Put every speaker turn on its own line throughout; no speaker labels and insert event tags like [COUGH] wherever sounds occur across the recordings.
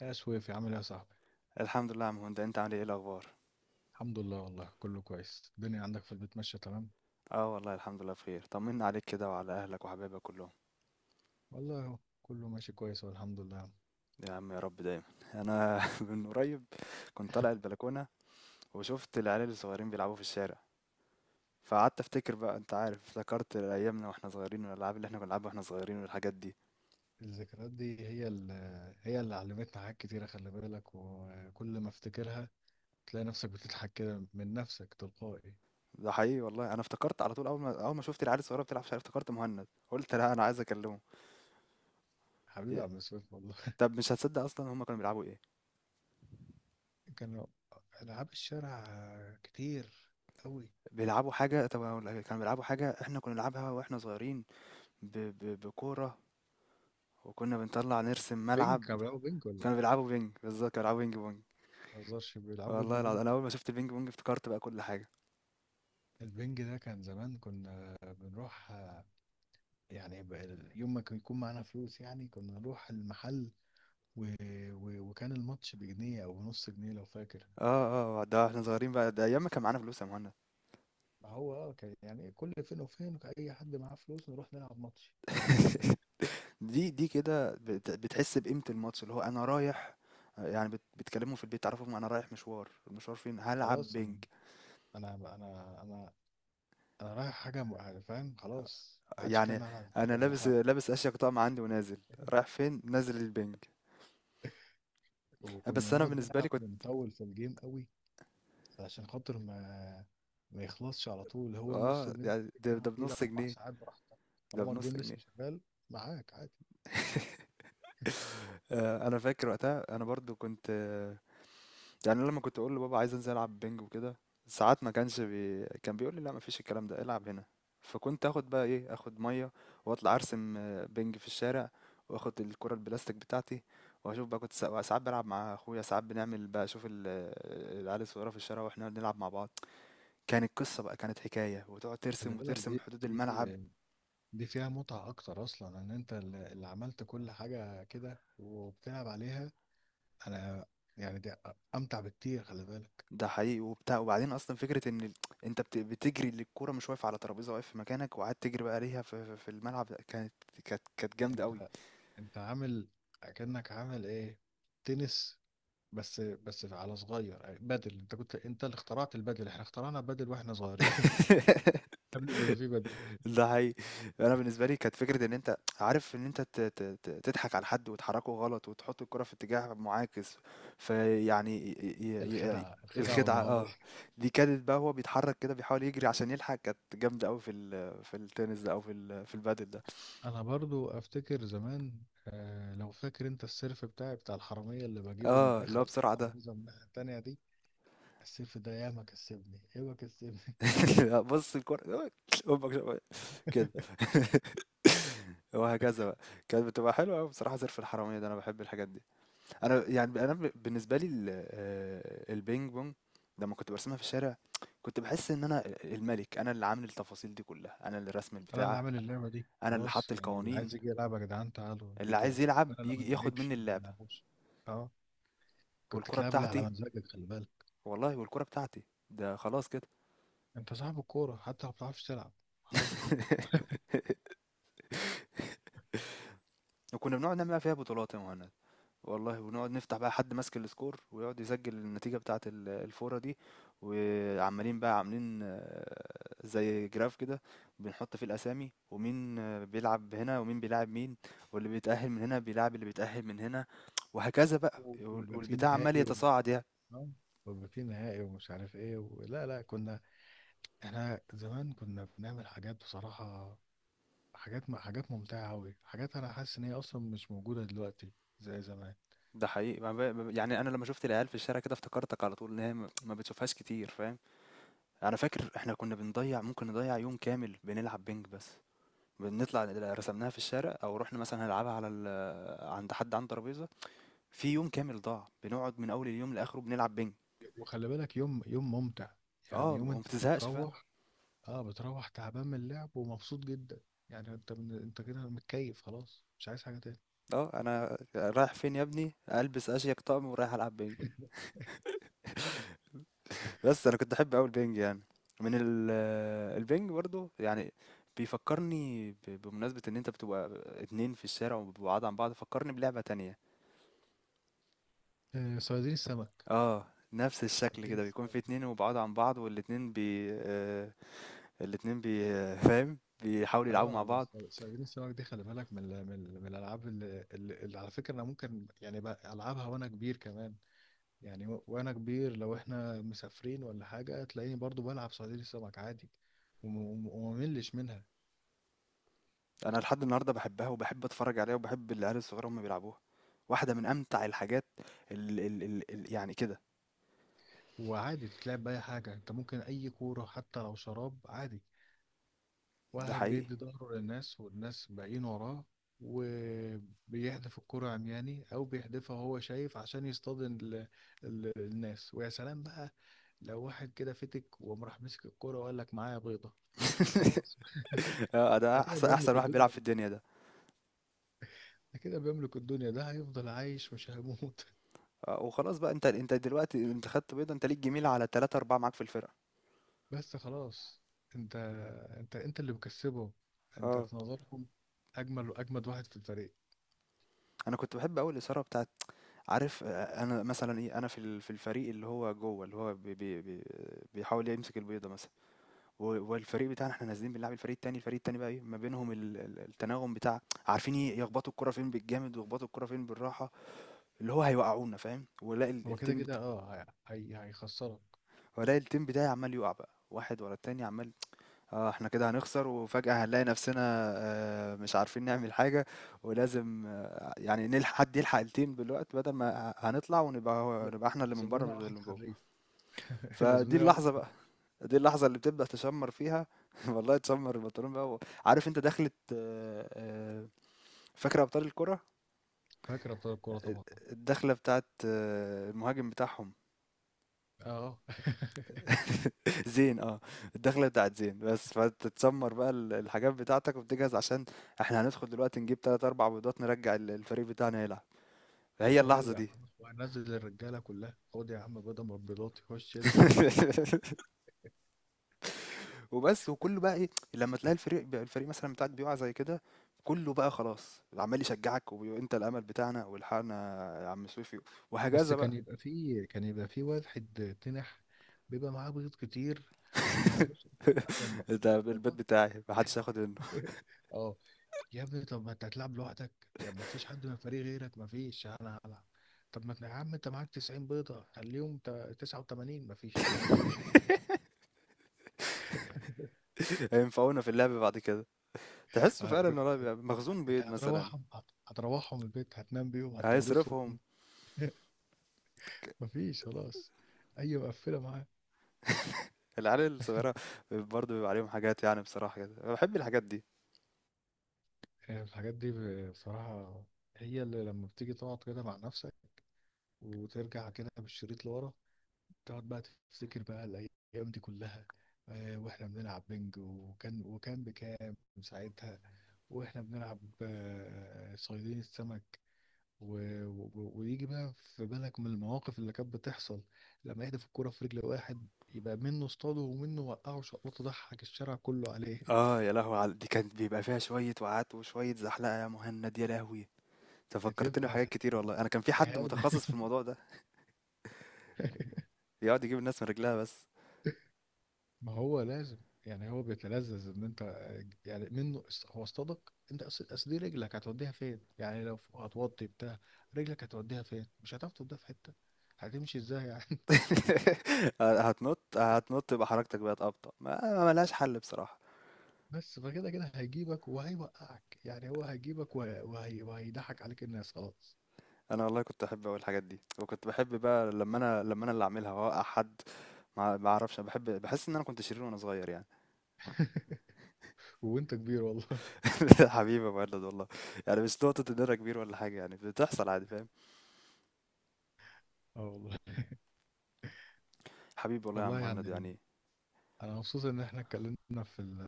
يا شويف عامل ايه يا صاحبي؟
الحمد لله يا عم هند، انت عامل ايه الاخبار؟
الحمد لله، والله كله كويس. الدنيا عندك في البيت ماشية تمام.
اه والله الحمد لله بخير. طمنا عليك كده وعلى اهلك وحبايبك كلهم.
والله اهو كله ماشي كويس والحمد لله.
يا عم، يا رب دايما. انا [LAUGHS] من قريب كنت طالع البلكونه، وشفت العيال الصغيرين بيلعبوا في الشارع، فقعدت افتكر بقى، انت عارف، افتكرت ايامنا واحنا صغيرين والالعاب اللي احنا كنا بنلعبها واحنا صغيرين والحاجات دي.
الذكريات دي هي اللي علمتنا حاجات كتيرة، خلي بالك. وكل ما افتكرها تلاقي نفسك بتضحك كده من نفسك تلقائي.
ده حقيقي والله، انا افتكرت على طول. اول ما شفت العيال الصغيره بتلعب في الشارع افتكرت مهند، قلت لا انا عايز اكلمه.
حبيبي يا
يا-
عم سويف والله.
طب مش هتصدق، اصلا هم كانوا بيلعبوا ايه؟
[LAUGHS] كانوا ألعاب الشارع كتير أوي.
بيلعبوا حاجه. طب أقول لك، كانوا بيلعبوا حاجه احنا كنا نلعبها واحنا صغيرين. بكوره. وكنا بنطلع نرسم
بينج؟
ملعب.
كانوا بيلعبوا بينج ولا؟
كانوا بيلعبوا بينج بالظبط، كانوا بيلعبوا بينج بونج.
ما بهزرش، بيلعبوا بينج
والله العظيم،
بونج؟
انا اول ما شفت البينج بونج افتكرت بقى كل حاجه.
البينج ده كان زمان كنا بنروح، يعني يوم ما كان يكون معانا فلوس يعني كنا نروح المحل، و... وكان الماتش بجنيه او نص جنيه لو فاكر.
اه اه، ده احنا صغيرين بقى، ده ايام ما كان معانا فلوس يا مهند.
هو اه كان يعني كل فين وفين كان اي حد معاه فلوس نروح نلعب ماتش على طول.
[LAUGHS] دي كده بتحس بقيمه الماتش اللي هو انا رايح. يعني بتكلموا في البيت تعرفهم انا رايح مشوار، المشوار فين؟ هلعب
خلاص
بينج.
انا انا انا, أنا رايح حاجه يعني فاهم خلاص، ما عادش كان
يعني
معايا بعد.
انا
انا رايح
لابس
ألعب.
لابس اشيك طقم عندي ونازل. رايح فين؟ نازل البينج.
وكنا
بس انا
نقعد
بالنسبه لي
نلعب
كنت.
ونطول في الجيم قوي، علشان خاطر ما يخلصش على طول. هو النص
اه،
جنيه
يعني
اللي
ده,
بتلعب
ده
فيه ده
بنص
اربع
جنيه.
ساعات براحتك
ده
طالما
بنص
الجيم لسه
جنيه.
شغال، معاك عادي.
[LAUGHS] انا فاكر وقتها انا برضو كنت يعني أنا لما كنت اقول لبابا عايز انزل العب بينج وكده، ساعات ما كانش كان بيقول لي لا، مفيش الكلام ده، العب هنا. فكنت اخد بقى ايه، اخد ميه واطلع ارسم بينج في الشارع، واخد الكره البلاستيك بتاعتي، واشوف بقى كنت ساعات بلعب مع اخويا، ساعات بنعمل بقى اشوف العيال الصغيره في الشارع واحنا بنلعب مع بعض. كانت قصه بقى، كانت حكايه، وتقعد
خلي
ترسم
بالك،
وترسم
دي
حدود الملعب.
دي دي فيها متعة أكتر أصلا، إن أنت اللي عملت كل حاجة كده وبتلعب عليها. أنا يعني دي أمتع بكتير، خلي بالك.
ده حقيقي وبتاع. وبعدين اصلا فكره ان انت بتجري للكوره مش واقف على ترابيزه، واقف في مكانك وقعدت تجري بقى عليها في الملعب، ده كانت كانت جامده قوي.
أنت أنت عامل، أكنك عامل إيه، تنس؟ بس بس على صغير، بدل. أنت كنت أنت اللي اخترعت البدل، إحنا اخترعنا بدل وإحنا صغيرين.
[LAUGHS]
[LAUGHS] قبل ما يبقى في بدل.
ده حقيقي. انا بالنسبه لي كانت فكره ان انت عارف ان انت تضحك على حد وتحركه غلط وتحط الكره في اتجاه معاكس. فيعني ي- ي-
الخدعة، الخدعة
الخدعه،
والمهارة.
اه. دي كانت بقى هو بيتحرك كده بيحاول يجري عشان يلحق. كانت جامده قوي في التنس ده او في البادل ده.
انا برضو افتكر زمان، آه لو فاكر، انت السيرف بتاعي بتاع الحرامية اللي بجيبه من
اه، اللي
اخر
هو بسرعه ده.
الترابيزة من الناحية التانية دي، السيرف ده ياما كسبني، ياما كسبني.
[LAUGHS] لا، بص الكورة أمك كده.
[LAUGHS]
[LAUGHS] وهكذا بقى. كانت بتبقى حلوة أوي بصراحة، زرف الحرامية ده، أنا بحب الحاجات دي. أنا يعني أنا بالنسبة لي البينج بونج لما كنت برسمها في الشارع، كنت بحس إن أنا الملك، أنا اللي عامل التفاصيل دي كلها، أنا اللي رسم
انا اللي
البتاعة،
عامل اللعبة دي
أنا اللي حط
خلاص، يعني اللي
القوانين،
عايز يجي يلعب يا جدعان تعالوا
اللي
يجي
عايز
يلعب،
يلعب
انا اللي ما
يجي ياخد
لعبش
مني
اللي ما
اللعبة.
لعبوش. اه، كنت
والكرة
تلعب اللي
بتاعتي،
على مزاجك، خلي بالك.
والله والكرة بتاعتي، ده خلاص كده.
انت صاحب الكورة حتى لو ما بتعرفش تلعب. خلاص.
[LAUGHS] وكنا بنقعد نعمل فيها بطولات يا مهند، والله، ونقعد نفتح بقى حد ماسك السكور ويقعد يسجل النتيجة بتاعة الفورة دي. وعمالين بقى عاملين زي جراف كده، بنحط فيه الأسامي، ومين بيلعب هنا ومين بيلعب مين، واللي بيتأهل من هنا بيلعب اللي بيتأهل من هنا، وهكذا بقى، وال-
ويبقى في
والبتاع عمال
نهائي
يتصاعد يعني.
آه، ويبقى في نهائي ومش عارف ايه لا لا، كنا، احنا زمان كنا بنعمل حاجات بصراحة، حاجات حاجات ممتعة أوي. حاجات أنا حاسس إن هي أصلا مش موجودة دلوقتي زي زمان.
ده حقيقي ما ب- يعني انا لما شفت العيال في الشارع كده افتكرتك على طول، ان هي ما بتشوفهاش كتير، فاهم. انا فاكر احنا كنا بنضيع، ممكن نضيع يوم كامل بنلعب بينج بس، بنطلع رسمناها في الشارع او رحنا مثلا هنلعبها على عند حد عنده ترابيزه. في يوم كامل ضاع بنقعد من اول اليوم لاخره بنلعب بينج.
وخلي بالك، يوم ممتع،
اه،
يعني يوم
وما
أنت
بتزهقش فعلا.
بتروح، أه بتروح تعبان من اللعب ومبسوط جدا. يعني أنت من أنت كده متكيف خلاص، مش عايز حاجة تاني.
اه، انا رايح فين يا ابني؟ البس اشيك طقم ورايح العب بينج. بس انا كنت احب قوي البينج يعني. من ال... البينج برضو يعني بيفكرني بمناسبة ان انت بتبقى اتنين في الشارع وبعاد عن بعض، فكرني بلعبة تانية.
آه، صيادين السمك.
اه. نفس الشكل
صيادين
كده بيكون في
السمك.
اتنين وبعاد عن بعض والاتنين بي... آه، الاتنين فاهم، بيحاولوا يلعبوا
اه
مع بعض.
صيادين السمك دي، خلي بالك، من ال- من ال- من الالعاب اللي على فكره انا ممكن يعني بقى العبها وانا كبير كمان، يعني وانا كبير لو احنا مسافرين ولا حاجه تلاقيني برضو بلعب صيادين السمك عادي. ومملش منها.
انا لحد النهارده بحبها وبحب اتفرج عليها وبحب العيال الصغيره هم بيلعبوها. واحده من امتع الحاجات. ال ال ال ال يعني كده.
وعادي تتلعب باي حاجه انت، ممكن اي كوره حتى لو شراب عادي.
ده
واحد
حقيقي.
بيدي ظهره للناس والناس باقيين وراه، وبيحدف الكرة عمياني أو بيحدفها وهو شايف عشان يصطادن الناس. ويا سلام بقى لو واحد كده فتك وقام راح مسك الكرة وقال لك معايا بيضة.
[LAUGHS]
خلاص. [LAUGHS]
اه، ده
ده كده
احسن
بيملك
واحد بيلعب
الدنيا،
في الدنيا ده.
ده كده بيملك الدنيا، ده هيفضل عايش مش هيموت.
وخلاص بقى انت دلوقتي انت خدت بيضه، انت ليك جميله على ثلاثة أربعة معاك في الفرقه.
[LAUGHS] بس خلاص. انت انت اللي مكسبه، انت
اه،
في نظرهم اجمل واجمد واحد في الفريق.
انا كنت بحب قوي الاثاره بتاعت. عارف انا مثلا ايه، انا في الفريق اللي هو جوه، اللي هو بي بيحاول يمسك البيضه مثلا. والفريق بتاعنا احنا نازلين بنلعب الفريق التاني، الفريق التاني بقى ايه ما بينهم التناغم بتاع. عارفين يخبطوا الكرة فين بالجامد ويخبطوا الكرة فين بالراحة، اللي هو هيوقعونا، فاهم، ولاقي ال-
هو كده
التيم
كده
بتاع،
اه هيخسرك.
ولاقي التيم بتاعي عمال يقع بقى واحد ورا التاني عمال. اه، احنا كده هنخسر وفجأة هنلاقي نفسنا مش عارفين نعمل حاجة، ولازم يعني نلحق حد يلحق التيم بالوقت، بدل ما هنطلع ونبقى هو-
لا،
نبقى احنا اللي من
لازم
بره
لنا
مش اللي
واحد
من جوه.
حريف. [LAUGHS] لازم
فدي
لنا
اللحظة
واحد.
بقى، دي اللحظة اللي بتبدأ تشمّر فيها. [LAUGHS] والله تشمّر البنطلون بقى و... عارف أنت دخلة فاكر أبطال الكرة؟
فاكر ابطال الكوره؟
آآ
طبعا.
الدخلة بتاعة المهاجم بتاعهم.
اه. [LAUGHS]
[LAUGHS] زين الدخلة بتاعة زين بس، فأنت تشمّر بقى الحاجات بتاعتك وبتجهز عشان إحنا هندخل دلوقتي نجيب 3، 4 بيضات نرجّع الفريق بتاعنا يلعب، هي
كله
اللحظة
هيرجع
دي.
خلاص وهنزل الرجاله كلها، خد يا عم بدل مربيضات يخش ينزل ينزل.
[LAUGHS] وبس، وكله بقى ايه لما تلاقي الفريق مثلا بتاعك بيقع زي كده، كله بقى خلاص عمال يشجعك، وانت الامل بتاعنا والحقنا يا عم سويفي،
بس
وهكذا بقى.
كان يبقى فيه واحد تنح، بيبقى معاه بيض كتير وما يرضاش حتى من
[LAUGHS]
بره.
ده البيت
والله.
بتاعي محدش ياخد منه.
[LAUGHS] اه، يا ابني طب ما انت هتلعب لوحدك، يا ما فيش حد من الفريق غيرك، ما فيش، انا هلعب. طب ما انت يا عم انت معاك 90 بيضة، خليهم 89، ما فيش، ما ينفعش.
[LAUGHS] هينفعونا في اللعب بعد كده. تحسه
آه. [LAUGHS]
فعلا إن هو بيبقى مخزون
انت
بيض مثلا.
هتروحهم، هتروحهم البيت، هتنام بيهم، هتورثهم.
هيصرفهم.
ما فيش خلاص، اي مقفلة معاه.
العيال الصغيرة برضه بيبقى عليهم حاجات، يعني بصراحة كده أنا بحب الحاجات دي.
آه، الحاجات دي بصراحة هي اللي لما بتيجي تقعد كده مع نفسك، وترجع كده بالشريط لورا، تقعد بقى تفتكر بقى الأيام دي كلها. آه، وإحنا بنلعب بنج، وكان بكام ساعتها. وإحنا بنلعب آه، صيادين السمك و... ويجي بقى في بالك من المواقف اللي كانت بتحصل، لما يهدف الكرة في رجل واحد، يبقى منه اصطاده ومنه وقعه شقلطه، ضحك الشارع كله عليه.
اه، يا لهوي دي كانت بيبقى فيها شوية وقعات وشوية زحلقة يا مهند، يا لهوي.
[LAUGHS]
تفكرتني
بتبقى
بحاجات كتير والله. انا كان في حد
إهانة.
متخصص في الموضوع ده
[LAUGHS]
يقعد يجيب الناس من رجلها بس.
ما هو لازم، يعني هو بيتلذذ ان انت، يعني منه هو اصطادك، انت اصل دي رجلك هتوديها فين يعني؟ لو هتوطي بتاع، رجلك هتوديها فين؟ مش هتعرف توديها في حتة، هتمشي ازاي يعني؟ [LAUGHS]
[LAUGHS] هتنط هتنط يبقى حركتك بقت أبطأ، ما ملهاش حل بصراحة.
بس فكده كده هيجيبك وهيوقعك، يعني هو هيجيبك وهيضحك عليك الناس. خلاص.
انا والله كنت احب اقول الحاجات دي، وكنت بحب بقى لما انا اللي اعملها واوقع حد. ما اعرفش، أنا بحب بحس ان انا كنت شرير وانا صغير يعني.
[LAUGHS] وانت كبير والله. [LAUGHS]
[LAUGHS] حبيبي يا مهند والله. يعني مش نقطة ان انا كبير ولا حاجة، يعني بتحصل عادي فاهم.
اه والله.
حبيبي والله يا عم
والله
مهند
يعني
يعني.
انا مبسوط ان احنا اتكلمنا في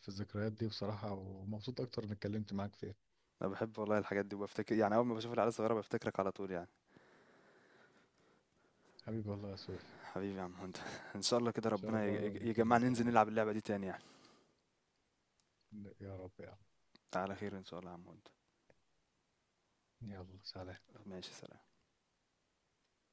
في الذكريات دي بصراحة، ومبسوط اكتر ان اتكلمت معاك فيها.
انا بحب والله الحاجات دي، وبفتكر يعني اول ما بشوف العيال الصغيرة بفتكرك على طول يعني.
حبيبي والله يا سويف.
حبيبي يا عم مهند. [LAUGHS] ان شاء الله كده
ان شاء
ربنا يج-
الله
يج-
نتكلم
يجمعنا ننزل
تاني.
نلعب اللعبة دي تاني يعني.
يا رب يا عم.
على خير ان شاء الله يا عم مهند.
يلا سلام.
ماشي سلام.